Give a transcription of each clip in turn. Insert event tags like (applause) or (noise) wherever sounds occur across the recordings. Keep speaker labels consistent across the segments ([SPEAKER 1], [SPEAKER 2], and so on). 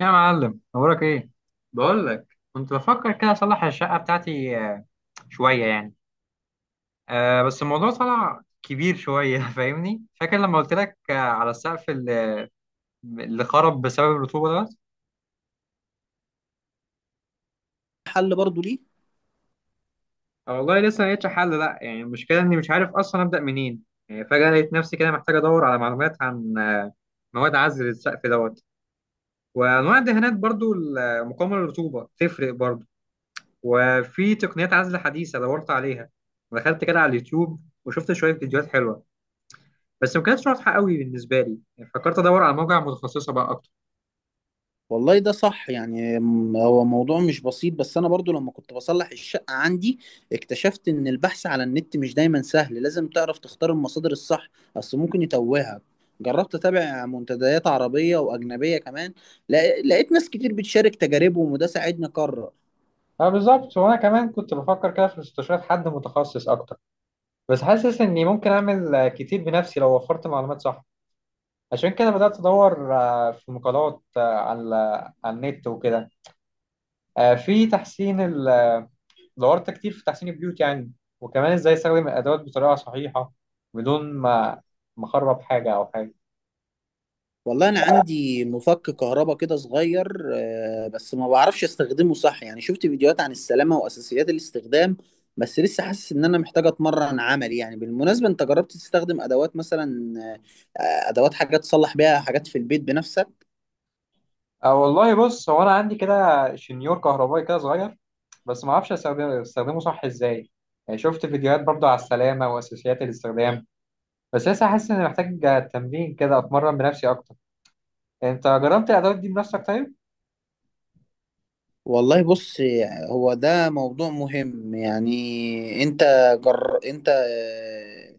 [SPEAKER 1] يا معلم اخبارك ايه؟ بقول لك، كنت بفكر كده اصلح الشقه بتاعتي، شويه يعني. أه بس الموضوع طلع كبير شويه (laughs) فاهمني؟ فاكر لما قلت لك على السقف اللي خرب بسبب الرطوبه دوت؟
[SPEAKER 2] حل برضو ليه؟
[SPEAKER 1] آه، والله لسه ما لقيتش حل. لا يعني المشكله اني مش عارف اصلا ابدا منين. يعني فجاه لقيت نفسي كده محتاج ادور على معلومات عن مواد عزل السقف دوت، وانواع الدهانات برضو مقاومه للرطوبه تفرق برضو، وفي تقنيات عزل حديثه دورت عليها. دخلت كده على اليوتيوب وشفت شويه فيديوهات حلوه، بس ما كانتش واضحه قوي بالنسبه لي، يعني فكرت ادور على موجع متخصصه بقى اكتر.
[SPEAKER 2] والله ده صح يعني هو موضوع مش بسيط، بس انا برضو لما كنت بصلح الشقة عندي اكتشفت ان البحث على النت مش دايما سهل. لازم تعرف تختار المصادر الصح، اصل ممكن يتوهك. جربت اتابع منتديات عربية واجنبية كمان، لقيت ناس كتير بتشارك تجاربهم وده ساعدني اقرر.
[SPEAKER 1] اه بالظبط، وانا كمان كنت بفكر كده في استشارة حد متخصص اكتر، بس حاسس اني ممكن اعمل كتير بنفسي لو وفرت معلومات صح. عشان كده بدأت ادور في مقالات على على النت وكده. آه، في تحسين ال... آه، دورت كتير في تحسين البيوت يعني، وكمان ازاي استخدم الادوات بطريقة صحيحة بدون ما اخرب حاجة او حاجة.
[SPEAKER 2] والله انا عندي مفك كهرباء كده صغير، بس ما بعرفش استخدمه صح يعني، شفت فيديوهات عن السلامة واساسيات الاستخدام، بس لسه حاسس ان محتاج اتمرن عملي يعني. بالمناسبة انت جربت تستخدم ادوات مثلا؟ آه، ادوات، حاجات تصلح بيها حاجات في البيت بنفسك؟
[SPEAKER 1] أه والله بص، هو أنا عندي كده شنيور كهربائي كده صغير، بس ما أستخدمه صح إزاي. يعني شفت فيديوهات برضه على السلامة وأساسيات الاستخدام، بس لسه حاسس إني محتاج تمرين كده أتمرن بنفسي أكتر. أنت جربت الأدوات دي بنفسك طيب؟
[SPEAKER 2] والله بص، هو ده موضوع مهم يعني، انت جر... انت آه،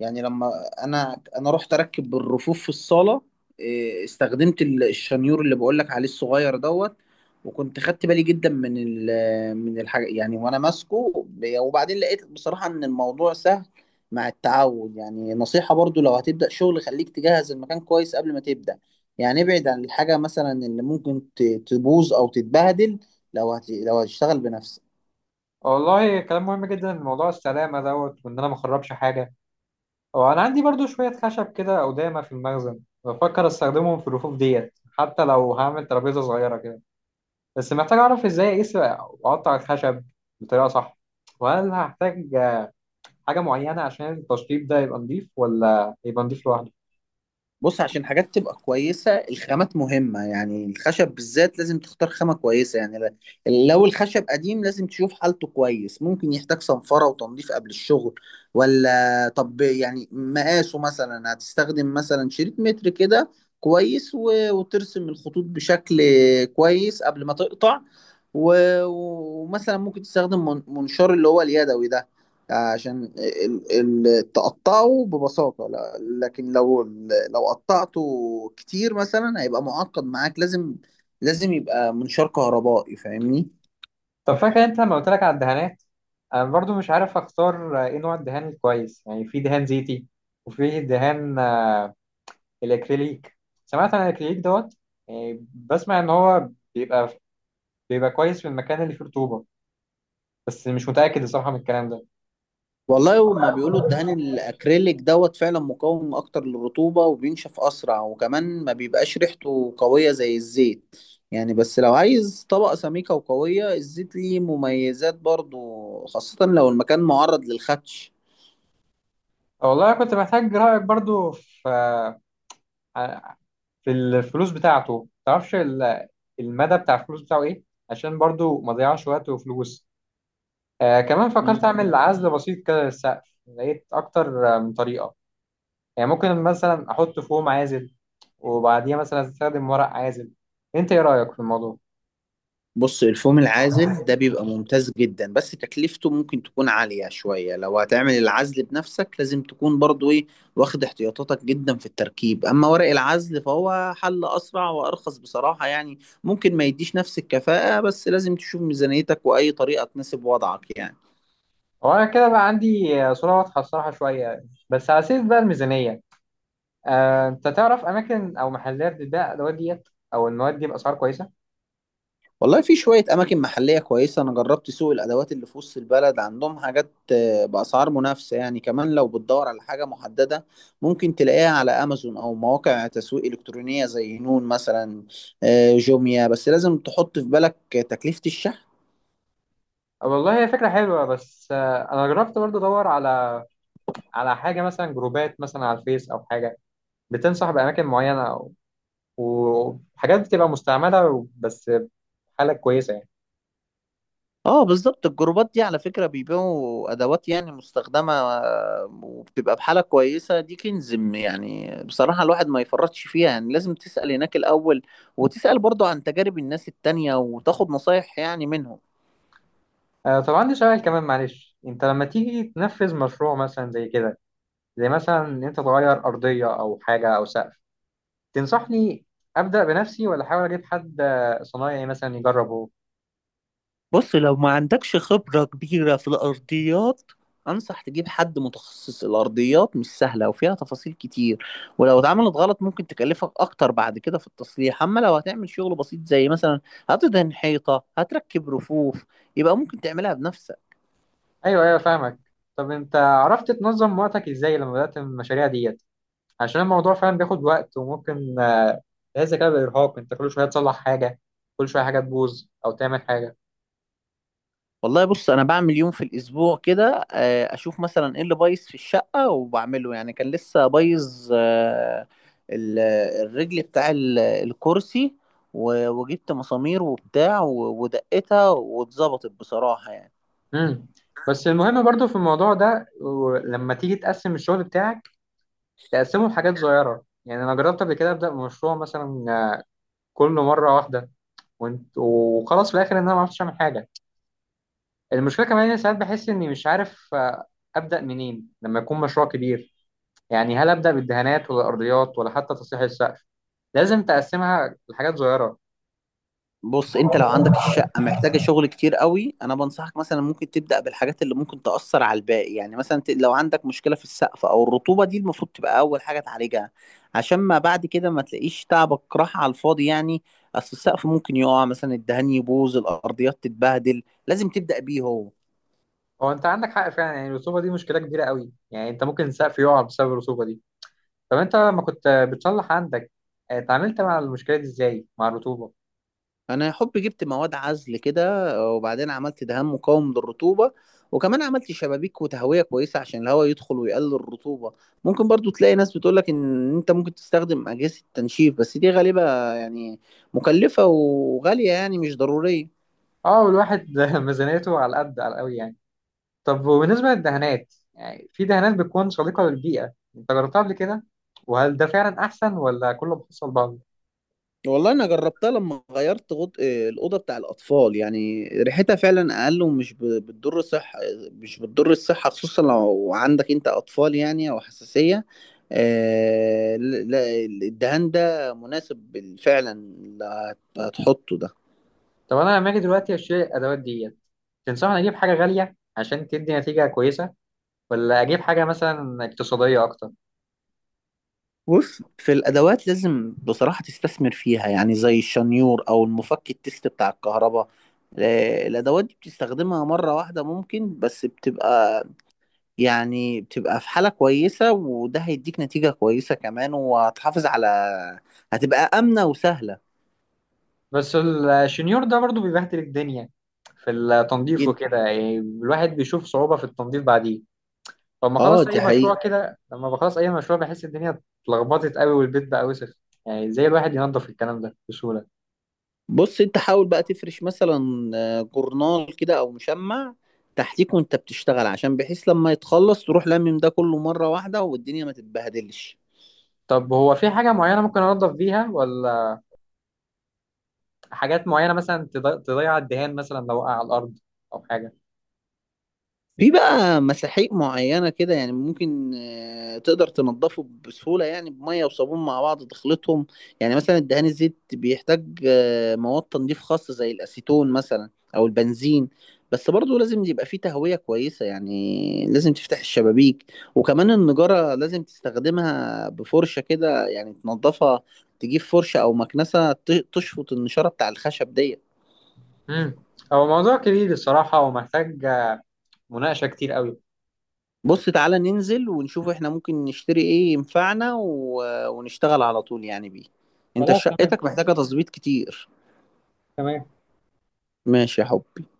[SPEAKER 2] يعني لما انا انا رحت اركب الرفوف في الصاله، إيه، استخدمت الشنيور اللي بقول لك عليه الصغير دوت، وكنت خدت بالي جدا من من الحاجه يعني، وانا ماسكه وبعدين لقيت بصراحه ان الموضوع سهل مع التعود يعني. نصيحه برضو، لو هتبدا شغل خليك تجهز المكان كويس قبل ما تبدا، يعني ابعد عن الحاجه مثلا اللي ممكن تبوظ او تتبهدل لو هتشتغل بنفسك.
[SPEAKER 1] والله كلام مهم جدا، موضوع السلامة دوت وإن أنا ما أخربش حاجة. هو أنا عندي برضه شوية خشب كده أو دايمة في المخزن، بفكر أستخدمهم في الرفوف ديت، حتى لو هعمل ترابيزة صغيرة كده. بس محتاج أعرف إزاي أقيس وأقطع الخشب بطريقة صح، وهل هحتاج حاجة معينة عشان التشطيب ده يبقى نضيف، ولا يبقى نضيف لوحده؟
[SPEAKER 2] بص، عشان حاجات تبقى كويسة، الخامات مهمة يعني، الخشب بالذات لازم تختار خامة كويسة يعني. لو الخشب قديم لازم تشوف حالته كويس، ممكن يحتاج صنفرة وتنظيف قبل الشغل، ولا طب يعني مقاسه، مثلا هتستخدم مثلا شريط متر كده كويس، وترسم الخطوط بشكل كويس قبل ما تقطع. و- ومثلا ممكن تستخدم منشار اللي هو اليدوي ده عشان تقطعه ببساطة، لكن لو قطعته كتير مثلا هيبقى معقد معاك، لازم يبقى منشار كهربائي، فاهمني؟
[SPEAKER 1] طب فاكر أنت لما قلت لك على الدهانات؟ أنا برضو مش عارف أختار إيه نوع الدهان الكويس. يعني في دهان زيتي، وفي دهان الأكريليك. سمعت عن الأكريليك دوت، يعني بسمع إن هو بيبقى بيبقى كويس في المكان اللي فيه رطوبة، بس مش متأكد الصراحة من الكلام ده.
[SPEAKER 2] والله هما بيقولوا الدهان الأكريليك دوت فعلا مقاوم أكتر للرطوبة وبينشف أسرع، وكمان ما بيبقاش ريحته قوية زي الزيت يعني. بس لو عايز طبقة سميكة وقوية، الزيت ليه مميزات برضو، خاصة لو المكان معرض للخدش.
[SPEAKER 1] والله أنا كنت محتاج رأيك برضو في آه، في الفلوس بتاعته. ما تعرفش المدى بتاع الفلوس بتاعه ايه؟ عشان برضو ما اضيعش وقت وفلوس. آه كمان فكرت اعمل عزل بسيط كده للسقف، لقيت اكتر من طريقه. يعني ممكن مثلا احط فوم عازل، وبعديها مثلا استخدم ورق عازل. انت ايه رايك في الموضوع؟
[SPEAKER 2] بص الفوم العازل ده بيبقى ممتاز جدا، بس تكلفته ممكن تكون عالية شوية. لو هتعمل العزل بنفسك لازم تكون برضو ايه، واخد احتياطاتك جدا في التركيب. اما ورق العزل فهو حل اسرع وارخص بصراحة يعني، ممكن ما يديش نفس الكفاءة، بس لازم تشوف ميزانيتك واي طريقة تناسب وضعك يعني.
[SPEAKER 1] هو انا كده بقى عندي صوره واضحه الصراحه شويه. بس على سيرة بقى الميزانيه، آه انت تعرف اماكن او محلات بتبيع الادوات ديت او المواد دي باسعار كويسه؟
[SPEAKER 2] والله في شوية أماكن محلية كويسة، أنا جربت سوق الأدوات اللي في وسط البلد، عندهم حاجات بأسعار منافسة يعني. كمان لو بتدور على حاجة محددة ممكن تلاقيها على أمازون أو مواقع تسويق إلكترونية زي نون مثلا، جوميا، بس لازم تحط في بالك تكلفة الشحن.
[SPEAKER 1] والله هي فكره حلوه، بس آه انا جربت برضو ادور على على حاجة مثلا جروبات مثلا على الفيس أو حاجة. بتنصح بأماكن معينة أو- وحاجات بتبقى مستعملة بس حالة كويسة يعني.
[SPEAKER 2] اه بالظبط، الجروبات دي على فكرة بيبيعوا أدوات يعني مستخدمة، وبتبقى بحالة كويسة، دي كنز يعني بصراحة الواحد ما يفرطش فيها يعني، لازم تسأل هناك الأول، وتسأل برضو عن تجارب الناس التانية وتاخد نصايح يعني منهم.
[SPEAKER 1] طب عندي سؤال كمان معلش، أنت لما تيجي تنفذ مشروع مثلا زي كده، زي مثلا إن أنت تغير أرضية أو حاجة أو سقف، تنصحني أبدأ بنفسي ولا أحاول أجيب حد صنايعي مثلا يجربه؟
[SPEAKER 2] بص لو ما عندكش خبرة كبيرة في الأرضيات أنصح تجيب حد متخصص، الأرضيات مش سهلة وفيها تفاصيل كتير، ولو اتعملت غلط ممكن تكلفك أكتر بعد كده في التصليح. أما لو هتعمل شغل بسيط زي مثلا هتدهن حيطة، هتركب رفوف، يبقى ممكن تعملها بنفسك.
[SPEAKER 1] أيوه أيوه فاهمك. طب أنت عرفت تنظم وقتك إزاي لما بدأت المشاريع ديت؟ عشان الموضوع فعلا بياخد وقت وممكن ده الذكاء بالإرهاق. أنت كل شوية تصلح حاجة، كل شوية حاجة تبوظ أو تعمل حاجة.
[SPEAKER 2] والله بص انا بعمل يوم في الاسبوع كده، اشوف مثلا ايه اللي بايظ في الشقه وبعمله يعني. كان لسه بايظ ال- الرجل بتاع الكرسي، وجبت مسامير وبتاع ودقتها واتظبطت بصراحه يعني.
[SPEAKER 1] امم بس المهم برضو في الموضوع ده لما تيجي تقسم الشغل بتاعك، تقسمه لحاجات صغيرة. يعني أنا جربت قبل كده أبدأ مشروع مثلا كله مرة واحدة، وانت وخلاص في الآخر إن أنا ما عرفتش أعمل حاجة. المشكلة كمان إن ساعات بحس إني مش عارف أبدأ منين لما يكون مشروع كبير. يعني هل أبدأ بالدهانات ولا الأرضيات ولا حتى تصليح السقف؟ لازم تقسمها لحاجات صغيرة.
[SPEAKER 2] بص انت لو عندك الشقة محتاجة شغل كتير قوي، انا بنصحك مثلا ممكن تبدأ بالحاجات اللي ممكن تأثر على الباقي يعني. مثلا لو عندك مشكلة في السقف او الرطوبة دي المفروض تبقى اول حاجة تعالجها، عشان ما بعد كده ما تلاقيش تعبك راح على الفاضي يعني. اصل السقف ممكن يقع، مثلا الدهان يبوظ، الارضيات تتبهدل، لازم تبدأ بيه هو.
[SPEAKER 1] هو انت عندك حق فعلا، يعني الرسوبه دي مشكله كبيره قوي، يعني انت ممكن سقف يقع بسبب الرسوبه دي. طب انت لما كنت بتصلح عندك اتعاملت مع المشكله دي ازاي مع الرطوبه؟
[SPEAKER 2] انا يا حب جبت مواد عزل كده، وبعدين عملت دهان مقاوم للرطوبه، وكمان عملت شبابيك وتهويه كويسه عشان الهواء يدخل ويقلل الرطوبه. ممكن برضو تلاقي ناس بتقولك ان انت ممكن تستخدم اجهزه تنشيف، بس دي غالبا يعني مكلفه وغاليه يعني، مش ضروريه.
[SPEAKER 1] اه والواحد (laughs) ميزانيته على قد على قوي يعني. طب وبالنسبه للدهانات، يعني في دهانات بتكون صديقه للبيئه، انت جربتها قبل كده؟ وهل ده فعلا احسن ولا كله بيحصل بعضه؟
[SPEAKER 2] والله انا جربتها لما غيرت غط... آه، الاوضه بتاع الاطفال، يعني ريحتها فعلا اقل ومش بتضر الصحه، مش بتضر الصحه خصوصا لو عندك انت اطفال يعني او حساسيه. لا، الدهان ده مناسب فعلا اللي هتحطه ده.
[SPEAKER 1] طب انا لما اجي دلوقتي اشتري الادوات ديت، تنصحني اجيب حاجه غاليه عشان تدي نتيجه كويسه، ولا اجيب حاجه مثلا اقتصاديه اكتر؟
[SPEAKER 2] بص في الادوات لازم بصراحه تستثمر فيها يعني، زي الشنيور او المفك التست بتاع الكهرباء، الادوات دي بتستخدمها مره واحده ممكن، بس بتبقى يعني بتبقى في حالة كويسة، وده هيديك نتيجة كويسة كمان، وهتحافظ على، هتبقى آمنة وسهلة.
[SPEAKER 1] بس الشنيور ده برضو بيبهدل الدنيا في التنظيف
[SPEAKER 2] جدا.
[SPEAKER 1] وكده، يعني الواحد بيشوف صعوبة في التنظيف بعديه. فلما
[SPEAKER 2] اه
[SPEAKER 1] خلص
[SPEAKER 2] دي
[SPEAKER 1] أي مشروع
[SPEAKER 2] حقيقة.
[SPEAKER 1] كده لما بخلص أي مشروع بحس الدنيا اتلخبطت قوي والبيت بقى وسخ. يعني زي الواحد ينظف الكلام ده بسهولة؟
[SPEAKER 2] بص انت حاول بقى تفرش مثلا جورنال كده او مشمع تحتيك وانت بتشتغل، عشان بحيث لما يتخلص تروح لمم ده كله مرة واحدة والدنيا ما تتبهدلش.
[SPEAKER 1] طب هو في حاجة معينة ممكن أنظف بيها، ولا حاجات معينة مثلا تضيع الدهان مثلا لو وقع على الأرض أو حاجة؟
[SPEAKER 2] في بقى مساحيق معينة كده يعني ممكن تقدر تنضفه بسهولة، يعني بمية وصابون مع بعض تخلطهم. يعني مثلا الدهان الزيت بيحتاج مواد تنظيف خاصة زي الأسيتون مثلا أو البنزين، بس برضه لازم يبقى فيه تهوية كويسة يعني لازم تفتح الشبابيك. وكمان النجارة لازم تستخدمها بفرشة كده يعني تنضفها، تجيب فرشة أو مكنسة تشفط النشارة بتاع الخشب دي.
[SPEAKER 1] امم، هو موضوع كبير الصراحة ومحتاج مناقشة كتير قوي.
[SPEAKER 2] بص تعالى ننزل ونشوف احنا ممكن نشتري ايه ينفعنا و... ونشتغل على طول يعني بيه، انت
[SPEAKER 1] خلاص تمام،
[SPEAKER 2] شقتك محتاجة تظبيط كتير.
[SPEAKER 1] تمام.
[SPEAKER 2] ماشي يا حبي.